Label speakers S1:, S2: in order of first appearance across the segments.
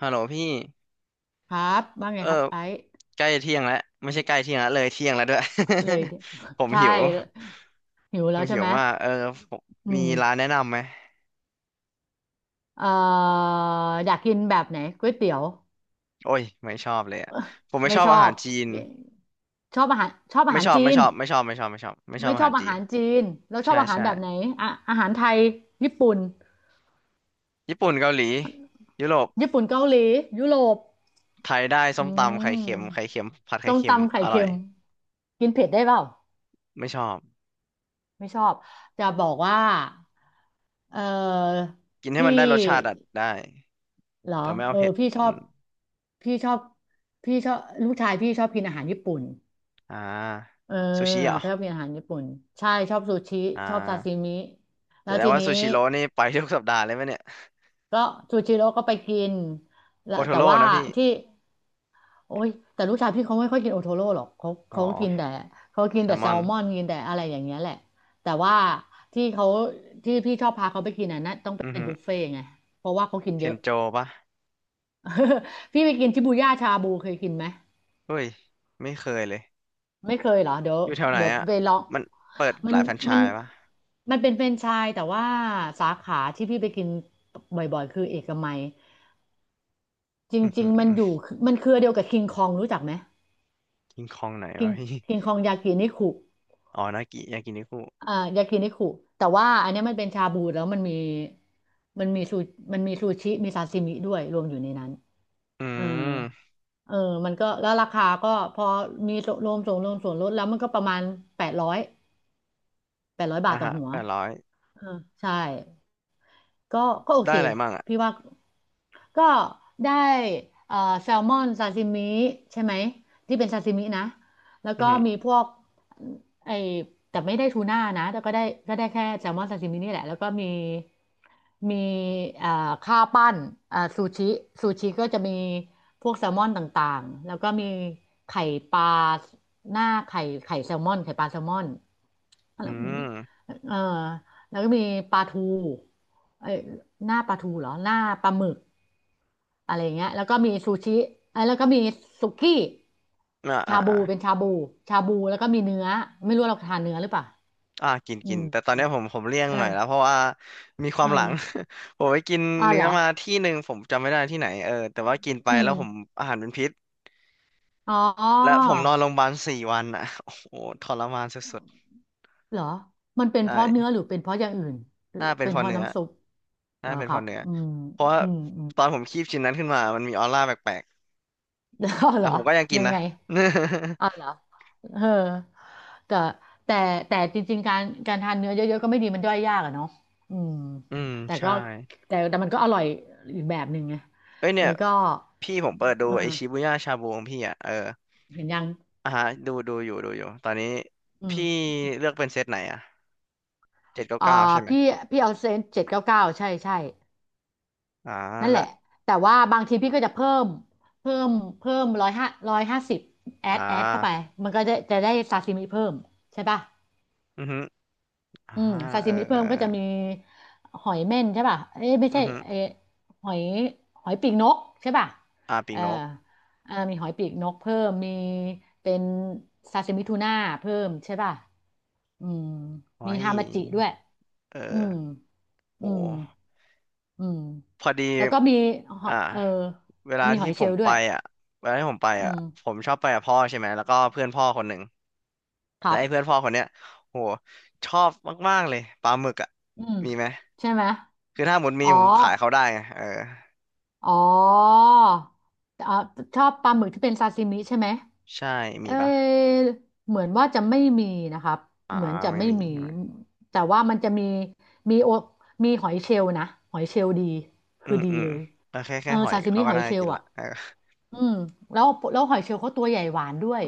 S1: ฮัลโหลพี่
S2: ครับว่าไง
S1: เออ
S2: ครับไอ้
S1: ใกล้เที่ยงแล้วไม่ใช่ใกล้เที่ยงแล้วเลยเที่ยงแล้วด้วย
S2: เลยดิ
S1: ผม
S2: ใช่
S1: หิว
S2: หิว
S1: ผ
S2: แล้
S1: ม
S2: วใช่
S1: หิว
S2: ไหม
S1: มากเออผม
S2: อื
S1: มี
S2: ม
S1: ร้านแนะนำไหม
S2: เอ่ออยากกินแบบไหนก๋วยเตี๋ยว
S1: โอ้ยไม่ชอบเลยอะผมไม่
S2: ไม่
S1: ชอบ
S2: ชอ
S1: อาหาร
S2: บ
S1: จีน
S2: ชอบอา
S1: ไม่
S2: หาร
S1: ชอบ
S2: จี
S1: ไม่
S2: น
S1: ชอบไม่ชอบไม่ชอบไม่ชอบไม่ชอบ
S2: ไม่
S1: อา
S2: ชอ
S1: หา
S2: บ
S1: รจี
S2: อา
S1: น
S2: หารจีนแล้วชอ
S1: ใช่
S2: บอาหาร
S1: ใช่
S2: แบบไหนอะอาหารไทยญี่ปุ่น
S1: ญี่ปุ่นเกาหลียุโรป
S2: ญี่ปุ่นเกาหลียุโรป
S1: ไทยได้
S2: อื
S1: ส้มตำไข่เค็ม
S2: ม
S1: ไข่เค็มผัดไข่
S2: ส้ม
S1: เค็ม
S2: ตำไข่
S1: อร่
S2: เค็
S1: อย
S2: มกินเผ็ดได้เปล่า
S1: ไม่ชอบ
S2: ไม่ชอบจะบอกว่าเออ
S1: กินให้
S2: พี่
S1: มันได้รสชาติอะได้
S2: เหรอ
S1: แต่ไม่
S2: เอ
S1: เอา
S2: อ
S1: เผ็ดอืม
S2: พี่ชอบพี่ชอบลูกชายพี่ชอบกินอาหารญี่ปุ่น
S1: อ่า
S2: เออ
S1: ซูชิเหรอ
S2: พี่ชอบกินอาหารญี่ปุ่นใช่ชอบซูชิ
S1: อ่
S2: ชอบซาซิ
S1: า
S2: มิ
S1: แส
S2: แล้ว
S1: ดง
S2: ที
S1: ว่า
S2: นี้
S1: ซูชิโร่นี่ไปทุกสัปดาห์เลยไหมเนี่ย
S2: ก็ซูชิโร่ก็ไปกินแล้
S1: โอ
S2: ว
S1: โท
S2: แต่
S1: โร่
S2: ว่า
S1: นะพี่
S2: ที่โอ๊ยแต่ลูกชายพี่เขาไม่ค่อยกินโอโทโร่หรอกเขา
S1: อ๋อ
S2: เขากินแต่เขากิ
S1: แซ
S2: นแต่
S1: ลม
S2: แซ
S1: อน
S2: ลมอนกินแต่อะไรอย่างเงี้ยแหละแต่ว่าที่เขาที่พี่ชอบพาเขาไปกินอ่ะนะต้อง
S1: อือ
S2: เป็น
S1: หือ
S2: บุฟเฟ่ต์ไงเพราะว่าเขากิน
S1: เท
S2: เย
S1: น
S2: อะ
S1: โจปะ
S2: พี่ไปกินชิบูย่าชาบูเคยกินไหม
S1: เฮ้ย ไม่เคยเลย
S2: ไม่เคยเหรอ
S1: อยู่แถวไหน
S2: เดี๋ยว
S1: อ่ะ
S2: ไปลอง
S1: มันเปิด
S2: มั
S1: ห
S2: น
S1: ลายแฟรนไช
S2: มัน
S1: ส์ปะ
S2: มันเป็นแฟรนไชส์แต่ว่าสาขาที่พี่ไปกินบ่อยๆคือเอกมัยจร
S1: อือ
S2: ิ
S1: หื
S2: ง
S1: อ
S2: ๆมันอยู่มันเครือเดียวกับคิงคองรู้จักไหม
S1: กินคองไหน
S2: คิ
S1: วะ
S2: ง
S1: พี่
S2: คิงคองยากินิคุ
S1: อ๋อนากิยากินิคุ
S2: อ่ายากินิคุแต่ว่าอันเนี้ยมันเป็นชาบูแล้วมันมีมันมีซูมันมีซูชิมีซาซิมิด้วยรวมอยู่ในนั้น
S1: อื
S2: เออ
S1: ม
S2: เออมันก็แล้วราคาก็พอมีรวมส่วนลดแล้วมันก็ประมาณแปดร้อยแปดร้อยบา
S1: อ่ะ
S2: ทต่อ
S1: ฮะ
S2: หัว
S1: 800
S2: เออใช่ ก็ก็โอ
S1: ได้
S2: เค
S1: อะไรมั่งอ่ะ
S2: พี่ว่าก็ได้เอ่อแซลมอนซาซิมิใช่ไหมที่เป็นซาซิมินะแล้ว
S1: อือ
S2: ก็
S1: หือ
S2: มีพวกไอแต่ไม่ได้ทูน่านะแต่ก็ได้แค่แซลมอนซาซิมินี่แหละแล้วก็มีมีเอ่อข้าวปั้นซูชิซูชิก็จะมีพวกแซลมอนต่างๆแล้วก็มีไข่ปลาหน้าไข่ไข่แซลมอนไข่ปลาแซลมอน
S1: อื
S2: แล้วมี
S1: ม
S2: เออแล้วก็มีปลาทูเอ้ยหน้าปลาทูเหรอหน้าปลาหมึกอะไรอย่างเงี้ยแล้วก็มีซูชิเอ้ยแล้วก็มีสุกี้
S1: อ่าอ่า
S2: ชาบู
S1: อ่า
S2: เป็นชาบูชาบูแล้วก็มีเนื้อไม่รู้เราทานเนื้อหรือเปล่า
S1: อ่ากิน
S2: อื
S1: กินแต่ตอน
S2: ม
S1: เนี้ยผมผมเลี่ยง
S2: เออ
S1: หน่อยแล้วเพราะว่ามีควา
S2: เอ
S1: มหลัง
S2: อ
S1: ผมไปกิน
S2: อ่า
S1: เนื้
S2: เหร
S1: อ
S2: อ
S1: มาที่หนึ่งผมจำไม่ได้ที่ไหนเออแต่ว่ากินไป
S2: อื
S1: แล้
S2: ม
S1: วผมอาหารเป็นพิษ
S2: อ๋อ
S1: และผมนอนโรงพยาบาล4 วันอ่ะ โอ้โหทรมานสุด
S2: เหรอมันเป็
S1: ๆ
S2: นเพราะเนื้อ
S1: ได้
S2: หรือเป็นเพราะอย่างอื่นหรือ
S1: น่าเป็น
S2: เป็น
S1: เพอ
S2: เพราะ
S1: เนื้อ
S2: น้ำซุปเหร
S1: น่า
S2: อ
S1: เป็น
S2: ค
S1: เพ
S2: รั
S1: อ
S2: บ
S1: เนื้อ
S2: อืม
S1: เพราะว่า
S2: อืม อืม
S1: ตอนผมคีบชิ้นนั้นขึ้นมามันมีออร่าแปลก
S2: แล้ว
S1: ๆ
S2: เห
S1: แต่
S2: รอ
S1: ผมก็ยังกิน
S2: ยัง
S1: นะ
S2: ไง อ๋อเหรอเออแต่แต่แต่จริงๆการทานเนื้อเยอะๆก็ไม่ดีมันย่อยยากอะเนาะอืม
S1: อืม
S2: แต่
S1: ใช่
S2: ก็แต่มันก็อร่อยอีกแบบหนึ่งไง
S1: เอ้ยเนี่
S2: แล้
S1: ย
S2: วก็
S1: พี่ผมเปิดดู
S2: เออ
S1: ไอชิบุย่าชาบูของพี่อ่ะเออ
S2: เห็นยัง
S1: อ่ะฮะดูอยู่ตอนนี้
S2: อืม
S1: พี่เลือกเป็นเซตไหนอ่ะเจ็ดเก้า
S2: อ่า
S1: เก้าใช่ไหม
S2: พี่พี่เอาเซน799ใช่ใช่
S1: อ่า
S2: นั่นแห
S1: และ
S2: ละแต่ว่าบางทีพี่ก็จะเพิ่มเพิ่มเพิ่ม150
S1: อ่
S2: แอดเข้าไป
S1: า
S2: มันก็จะได้ซาซิมิเพิ่มใช่ป่ะ
S1: อือฮึอ่า
S2: อืมซา
S1: เอ
S2: ซิ
S1: อ
S2: มิ
S1: เอ
S2: เพิ่
S1: อ
S2: มก็จะมีหอยเม่นใช่ป่ะเอ้ยไม่
S1: อื
S2: ใช่
S1: อฮึ
S2: เอ้ยหอยหอยปีกนกใช่ป่ะ
S1: อ่าปี
S2: เอ
S1: ก
S2: อ
S1: นก
S2: เออมีหอยปีกนกเพิ่มมีเป็นซาซิมิทูน่าเพิ่มใช่ป่ะอืม
S1: ไว้
S2: มีฮามาจิด้วย
S1: เอ
S2: อื
S1: อ
S2: ม
S1: โห
S2: อืมอืม
S1: พอดี
S2: แล้วก็มีหอ
S1: อ่า
S2: ยเออ
S1: เวลา
S2: มีห
S1: ที่
S2: อยเช
S1: ผ
S2: ล
S1: ม
S2: ล์ด้
S1: ไป
S2: วย
S1: อ่ะเวลาที่ผมไป
S2: อื
S1: อ่ะ
S2: ม
S1: ผมชอบไปกับพ่อใช่ไหมแล้วก็เพื่อนพ่อคนหนึ่ง
S2: ค
S1: และ
S2: รั
S1: ไอ้เพื่อน
S2: บ
S1: พ่อคนเนี้ยโหชอบมากๆเลยปลาหมึกอ่ะ
S2: อืม
S1: มีไหม
S2: ใช่ไหม
S1: คือถ้าหมดมี
S2: อ๋อ
S1: ผมขายเขาได้ไงเออ
S2: อ๋อเอ่อชอบปลาหมึกที่เป็นซาซิมิใช่ไหม
S1: ใช่
S2: เอ
S1: มีปะ
S2: อเหมือนว่าจะไม่มีนะครับ
S1: อ่า
S2: เหมือนจะ
S1: ไม่
S2: ไม่
S1: มี
S2: มี
S1: ใช่ไหม
S2: แต่ว่ามันจะมีมีโอมีหอยเชลล์นะหอยเชลล์ดี
S1: อื
S2: คือ
S1: ม
S2: ดี
S1: อืม
S2: เลย
S1: เออแค่
S2: เอ
S1: แค่
S2: อ
S1: หอย
S2: ซาซิ
S1: เขา
S2: มิ
S1: ก็
S2: หอย
S1: ได้
S2: เชล
S1: กิน
S2: ล์
S1: ละ
S2: อ่ะ
S1: เออ
S2: อืมแล้วหอยเชลล์เขาตัวใหญ่หวานด้วย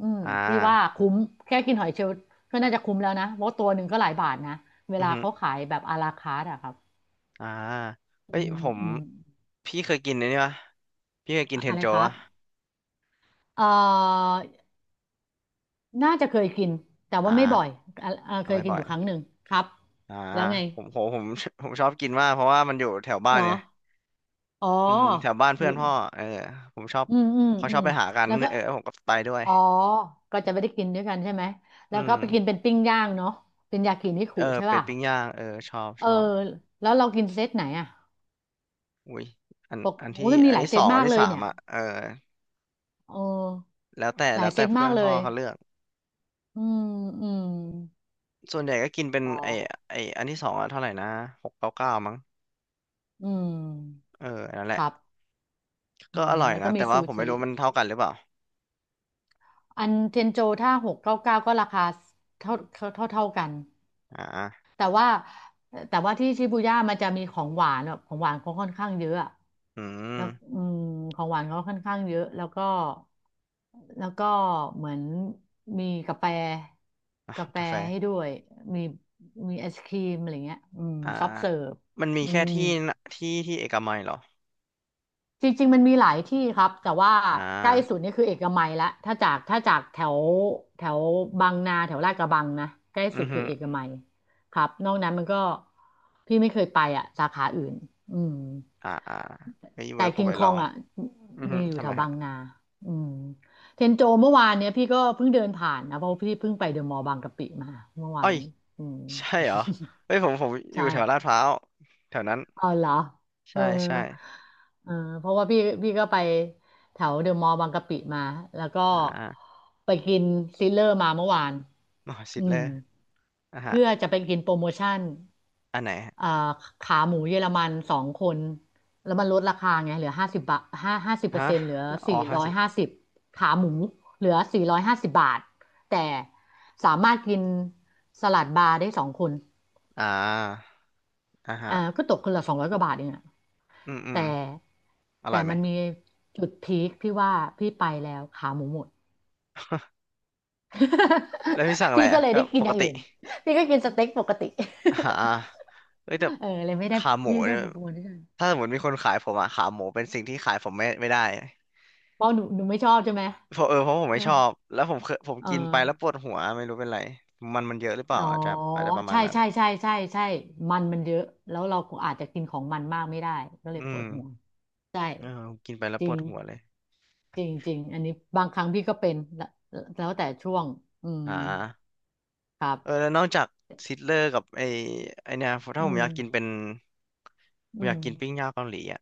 S2: อืม
S1: อ่
S2: พี่ว่า
S1: า
S2: คุ้มแค่กินหอยเชลล์ก็น่าจะคุ้มแล้วนะเพราะตัวหนึ่งก็หลายบาทนะเว
S1: อื
S2: ลา
S1: อฮึ
S2: เขาขายแบบอาราคาร์ทอะครับ
S1: อ่า
S2: อื
S1: เฮ้ยผ
S2: ม
S1: ม
S2: อืม
S1: พี่เคยกินอันนี้ปะพี่เคยกิน
S2: อะ
S1: เท
S2: อะ
S1: น
S2: ไร
S1: โจ
S2: ครั
S1: ปะ
S2: บเอ่อน่าจะเคยกินแต่
S1: อ่
S2: ว่าไม่บ่อย
S1: า
S2: อ่ะเค
S1: เอาไป
S2: ยกิน
S1: บ่
S2: อ
S1: อย
S2: ยู่ครั้งหนึ่งครับ
S1: อ่า
S2: แล้วไง
S1: ผมโหผม ผมชอบกินมากเพราะว่ามันอยู่แถวบ้า
S2: เหร
S1: น
S2: อ
S1: ไง
S2: อ๋อ
S1: อืมแถวบ้าน
S2: อ
S1: เพื่อ
S2: ยู่
S1: นพ่อเออผมชอบ
S2: อืมอืม
S1: เขา
S2: อื
S1: ชอบ
S2: ม
S1: ไปหากัน
S2: แล้วก็
S1: เออผมก็ไปด้วย
S2: อ๋อก็จะไม่ได้กินด้วยกันใช่ไหม แล้ว
S1: อื
S2: ก็
S1: ม
S2: ไปกินเป็นปิ้งย่างเนาะเป็นยากินิคุ
S1: เออ
S2: ใช่
S1: เป็น
S2: ป่ะ
S1: ปิ้งย่างเออชอบ
S2: เอ
S1: ช
S2: อ
S1: อบ
S2: แล้วเรากินเซตไหนอ่ะ
S1: อุ้ยอัน
S2: ปก
S1: อัน
S2: โอ้
S1: ที่
S2: ยมันมี
S1: อัน
S2: หลาย
S1: ที่
S2: เซ
S1: สอ
S2: ต
S1: งอั
S2: มา
S1: น
S2: ก
S1: ที่
S2: เลย
S1: สาม
S2: เนี่ย
S1: อ่ะเออ
S2: เออ
S1: แล้วแต่
S2: หลา
S1: แล้
S2: ย
S1: ว
S2: เซ
S1: แต่
S2: ต
S1: เพื่
S2: มา
S1: อ
S2: ก
S1: น
S2: เล
S1: พ่อ
S2: ย
S1: เขาเลือก
S2: อืมอืม
S1: ส่วนใหญ่ก็กินเป็น
S2: อ๋อ
S1: ไอไออันที่สองอ่ะเท่าไหร่นะ699มั้ง
S2: อืม
S1: เออนั่นแห
S2: ค
S1: ละ
S2: รับอื
S1: ก็
S2: ม
S1: อร่อย
S2: แล้วก็
S1: นะ
S2: มี
S1: แต่
S2: ซู
S1: ว่าผมไม่
S2: ชิ
S1: รู้มันเท่ากันหรือเปล่า
S2: อันเทนโจถ้า699ก็ราคาเท่ากัน
S1: อ่า
S2: แต่ว่าแต่ว่าที่ชิบูย่ามันจะมีของหวานแบบของหวานเขาค่อนข้างเยอะอะ
S1: อื
S2: แล้
S1: ม
S2: วอืมของหวานเขาค่อนข้างเยอะแล้วก็แล้วก็เหมือนมีกาแฟ
S1: อ่ะ
S2: กาแฟ
S1: กาแฟ
S2: ให้ด้วยมีมีไอศครีมอะไรเงี้ยอืม
S1: อ่า
S2: ซอฟเสิร์ฟ
S1: มันมี
S2: อื
S1: แค่
S2: ม
S1: ที่น่ะที่ที่เอกมัยเหรอ
S2: จริงๆมันมีหลายที่ครับแต่ว่า
S1: อ่
S2: ใกล้สุ
S1: า
S2: ดนี่คือเอกมัยละถ้าจากแถวแถวบางนาแถวลาดกระบังนะใกล้สุ
S1: อื
S2: ด
S1: อฮึ
S2: คือเอกมัยครับนอกนั้นมันก็พี่ไม่เคยไปอ่ะสาขาอื่นอืม
S1: อ่าอ่าไว้
S2: แต่
S1: ไว้ผ
S2: คิ
S1: ม
S2: ง
S1: ไป
S2: ค
S1: ล
S2: อ
S1: อ
S2: ง
S1: ง
S2: อ่ะ
S1: อือฮึ
S2: มีอยู่
S1: ทำ
S2: แถ
S1: ไม
S2: วบา
S1: ฮะ
S2: งนาอืมเทนโจเมื่อวานเนี้ยพี่ก็เพิ่งเดินผ่านนะเพราะว่าพี่เพิ่งไปเดอะมอลล์บางกะปิมาเมื่อวา
S1: อ้อย
S2: นอืม
S1: ใช่เหรอเฮ้ยผมอยู่
S2: ใช่
S1: แถวลาดพร้าวแถวนั้น
S2: อ๋อเหรอเอ
S1: ใช่
S2: อ
S1: ใช่
S2: เออเพราะว่าพี่ก็ไปแถวเดอะมอลล์บางกะปิมา แล้วก็
S1: อ่า
S2: ไปกินซิลเลอร์มาเมื่อวาน
S1: หมอชิ
S2: อื
S1: ดเล
S2: ม
S1: ยอ่ะฮะ
S2: เพื่อจะไปกินโปรโมชั่น
S1: อันไหนฮะ
S2: เอ่าขาหมูเยอรมันสองคน แล้วมันลดราคาไงเหลือห้าสิบบาทห้าสิบเปอ
S1: ฮะ
S2: ร์เซ็นต์เหลือ
S1: อ๋อ
S2: สี่
S1: ห้า
S2: ร้อย
S1: สิบ
S2: ห้าสิบขาหมูเหลือ450 บาทแต่สามารถกินสลัดบาร์ได้สองคน
S1: อ่าอ่ะฮะ
S2: ก็ตกคนละ200 กว่าบาทเองอะ
S1: อืมอื
S2: แต่
S1: มอร่
S2: แต่
S1: อยไหม
S2: มันมีจุดพีคที่ว่าพี่ไปแล้วขาหมูหมด
S1: แล้วพี่สั่ง อะไร
S2: พี่ก็
S1: อ่ะ
S2: เลย
S1: ก็
S2: ได้กิ
S1: ป
S2: นอ
S1: ก
S2: ย่าง
S1: ติ
S2: อื่นพี่ก็กินสเต็กปกติ
S1: อ่าเฮ้ยแต่
S2: เออเลยไม่ได้
S1: ขาหมู
S2: พี่ไม่ได้
S1: เนี่ย
S2: ประมูลด้วยกัน
S1: ถ้าสมมติมีคนขายผมอะขาหมูเป็นสิ่งที่ขายผมไม่ได้
S2: เพราะหนูไม่ชอบใช่ไหม
S1: เพราะเออเพราะผม
S2: เอ
S1: ไม่
S2: อ
S1: ชอบ แล้วผมเคย
S2: เออ
S1: กินไปแล้วปวดหัวไม่รู้เป็นไร มันเยอะหรือเปล่า
S2: อ๋อ
S1: อาจจะอาจจะประมาณ
S2: ใช่
S1: นั้น
S2: ใช่ใช่ใช่ใช่มันเยอะแล้วเราก็อาจจะกินของมันมากไม่ได้ก็เลย
S1: อื
S2: ป
S1: ม
S2: วดหัวใช่
S1: เออกินไปแล้ว
S2: จ
S1: ป
S2: ริ
S1: วด
S2: ง
S1: หัวเลย
S2: จริงจริงอันนี้บางครั้งพี่ก็เป็นแล้วแล้วแต่ช่วงอืม
S1: อ่า
S2: ครั
S1: เออ
S2: บ
S1: แล้วนอกจากซิตเลอร์กับไอไอเนี่ยถ้า
S2: อื
S1: ผม
S2: ม
S1: อยากกินเป็นผ
S2: อื
S1: มอยาก
S2: ม
S1: กินปิ้งย่างเกาหลีอ่ะ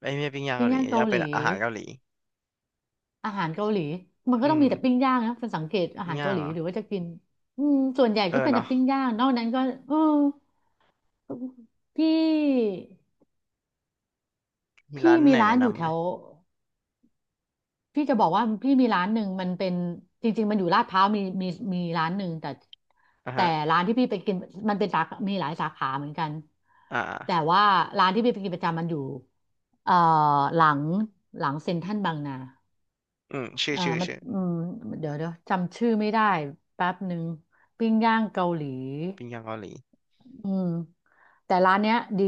S1: ไอ้ยไม่ใช่ปิ้งย่าง
S2: ปิ้
S1: เกา
S2: ง
S1: หลี
S2: ย่าง
S1: อ
S2: เกา
S1: ยาก
S2: ห
S1: เป็น
S2: ลี
S1: อาหารเกาหลี
S2: อาหารเกาหลีมันก็
S1: อื
S2: ต้อง
S1: ม
S2: มีแต่ปิ้งย่างนะเป็นสังเกตอา
S1: ปิ้ง
S2: หาร
S1: ย่า
S2: เกา
S1: ง
S2: หลี
S1: เหรอ
S2: หรือว่าจะกินอืมส่วนใหญ่
S1: เออ
S2: ก็เป็นแต่
S1: เนาะ
S2: ปิ้งย่างนอกนั้นก็เออพี่
S1: มี
S2: พี่
S1: ร้าน
S2: มี
S1: ไหน
S2: ร้าน
S1: แนะ
S2: อยู่
S1: นำ
S2: แถ
S1: ไหม
S2: วพี่จะบอกว่าพี่มีร้านหนึ่งมันเป็นจริงๆมันอยู่ลาดพร้าวมีร้านหนึ่งแต่
S1: อ่ะ
S2: แต่
S1: ฮะ
S2: ร้านที่พี่ไปกินมันเป็นสาขามีหลายสาขาเหมือนกัน
S1: อ่า
S2: แต่ว่าร้านที่พี่ไปกินประจำมันอยู่เอ่อหลังหลังเซ็นทรัลบางนา
S1: อืมชื่อชื่อ
S2: มัน
S1: ชื่อ
S2: อืมเดี๋ยวจำชื่อไม่ได้แป๊บหนึ่งปิ้งย่างเกาหลี
S1: ปิ้งย่างเกาหลี
S2: อืมแต่ร้านเนี้ยดี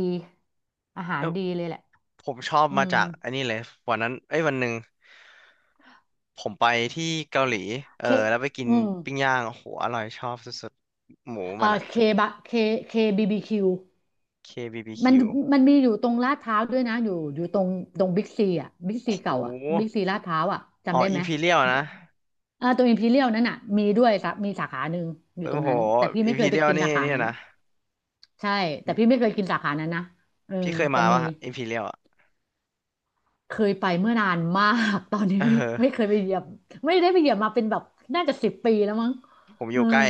S2: อาหา
S1: เอ
S2: ร
S1: อ
S2: ดีเลยแหละ
S1: ผมชอบ
S2: อื
S1: มา
S2: ม
S1: จากอันนี้เลยวันนั้นเอ้ยวันหนึ่งผมไปที่เกาหลีเอ
S2: เค
S1: อแล้วไปกิน
S2: อืม
S1: ปิ้งย่างโอ้โหอร่อยชอบสุดๆหมู
S2: เอ่
S1: มัน
S2: อ
S1: อะ
S2: เคบะเคเคบีบีคิวมัน
S1: KBBQ
S2: มีอยู่ตรงลาดพร้าวด้วยนะอยู่ตรงบิ๊กซีอ่ะบิ๊ก
S1: โอ้
S2: ซี
S1: โห
S2: เก่าอ่ะบิ๊กซีลาดพร้าวอ่ะ
S1: อ๋อ
S2: จำได้ไห
S1: อิ
S2: ม
S1: มพีเรียลนะ
S2: เอ่าตรงอิมพีเรียลนั่นอ่ะมีด้วยสามีสาขาหนึ่งอยู่
S1: โอ้
S2: ตรง
S1: โห
S2: นั้นแต่พี่
S1: อิ
S2: ไม่
S1: ม
S2: เค
S1: พี
S2: ยไป
S1: เรียล
S2: กิน
S1: นี่
S2: สาขา
S1: เนี่ย
S2: นั้น
S1: นะ
S2: ใช่แต่พี่ไม่เคยกินสาขานั้นนะเออ
S1: พี่เคย
S2: แต่
S1: มา
S2: มี
S1: ปะอิมพีเรียลอ่ะ
S2: เคยไปเมื่อนานมาก ตอนนี้
S1: เอ
S2: ไม่ไม่เค
S1: อ
S2: ยไปเหยียบไม่ได้ไปเหยียบมาเป็นแบบน่าจะ10 ปีแล้วมั้ง
S1: ผมอ
S2: เออ
S1: ยู่ใกล้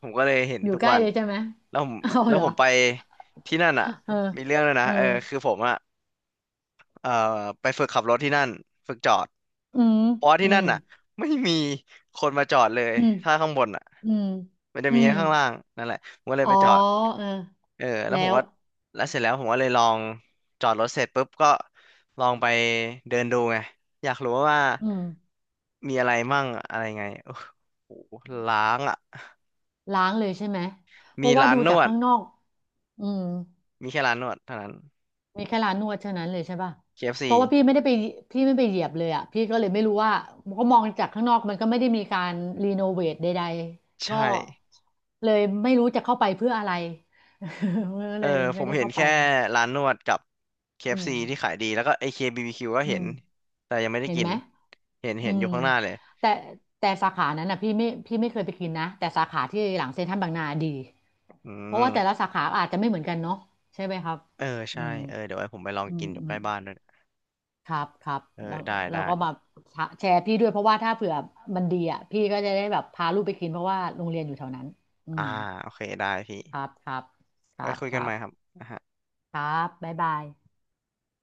S1: ผมก็เลยเห็น
S2: อยู่
S1: ทุก
S2: ใกล้
S1: วัน
S2: เลยใช่ไหม
S1: แล้วผม
S2: เอา
S1: แล้ว
S2: เหร
S1: ผ
S2: อ
S1: มไปที่นั่น
S2: เอ
S1: อ่ะ
S2: อ
S1: มีเรื่องเลยนะ
S2: เออ
S1: เออคือผมอ่ะเออไปฝึกขับรถที่นั่นฝึกจอด
S2: อืม
S1: เพราะว่า
S2: อื
S1: ที่นั่
S2: ม
S1: นอ่ะไม่มีคนมาจอดเลย
S2: อืม
S1: ถ้าข้างบนอ่ะ
S2: อืม
S1: มันจะ
S2: อื
S1: มี
S2: ม
S1: แค่ข้างล่างนั่นแหละผมก็เลย
S2: อ๋อ
S1: ไปจอด
S2: เออ
S1: เออแล้ว
S2: แล้
S1: ผม
S2: ว
S1: ก็แล้วเสร็จแล้วผมก็เลยลองจอดรถเสร็จปุ๊บก็ลองไปเดินดูไงอยากรู้ว่า
S2: อืม
S1: มีอะไรมั่งอะไรไงโอ้โหล้างอ่ะ
S2: ล้างเลยใช่ไหมเพ
S1: มี
S2: ราะว่า
S1: ร้าน
S2: ดู
S1: น
S2: จาก
S1: วด
S2: ข้างนอกอืม
S1: มีแค่ร้านนวดเท่านั้น
S2: มีแค่ร้านนวดเท่านั้นเลยใช่ป่ะเพราะว่า
S1: KFC
S2: พี่ไม่ได้ไปพี่ไม่ไปเหยียบเลยอ่ะพี่ก็เลยไม่รู้ว่าเพราะมองจากข้างนอกมันก็ไม่ได้มีการรีโนเวทใดๆก็
S1: ใช่
S2: เลยไม่รู้จะเข้าไปเพื่ออะไร ก็
S1: เอ
S2: เล
S1: อ
S2: ย
S1: ผ
S2: ไม่
S1: ม
S2: ได้
S1: เห็น
S2: เข้าไป
S1: แค่
S2: อะ
S1: ร้านนวดกับ
S2: อืม
S1: KFC ที่ขายดีแล้วก็ AKBBQ ก็
S2: อื
S1: เห็
S2: ม
S1: นแต่ยังไม่ได้
S2: เห็น
S1: กิ
S2: ไห
S1: น
S2: ม
S1: เห็น
S2: อื
S1: เห็นอ
S2: ม
S1: ยู่ข้างหน้าเลย
S2: แต่สาขานั้นอ่ะพี่ไม่เคยไปกินนะแต่สาขาที่หลังเซ็นทรัลบางนาดี
S1: อื
S2: เพราะว่า
S1: ม
S2: แต่ละสาขาอาจจะไม่เหมือนกันเนาะใช่ไหมครับ
S1: เออ
S2: อื
S1: ใช่
S2: ม
S1: เออเดี๋ยวไว้ผมไปลอง
S2: อื
S1: กิ
S2: ม
S1: นอยู่
S2: อื
S1: ใก
S2: ม
S1: ล้บ้านด้วย
S2: ครับครับ
S1: เออ
S2: แล้ว
S1: ได้
S2: เรา
S1: ได้
S2: ก็มาแชร์พี่ด้วยเพราะว่าถ้าเผื่อมันดีอ่ะพี่ก็จะได้แบบพาลูกไปกินเพราะว่าโรงเรียนอยู่แถวนั้นอื
S1: อ่า
S2: ม
S1: โอเคได้พี่
S2: ครับครับค
S1: ไว้
S2: รับ
S1: คุย
S2: ค
S1: กัน
S2: รั
S1: ใหม่
S2: บ
S1: ครับ
S2: ครับบ๊ายบาย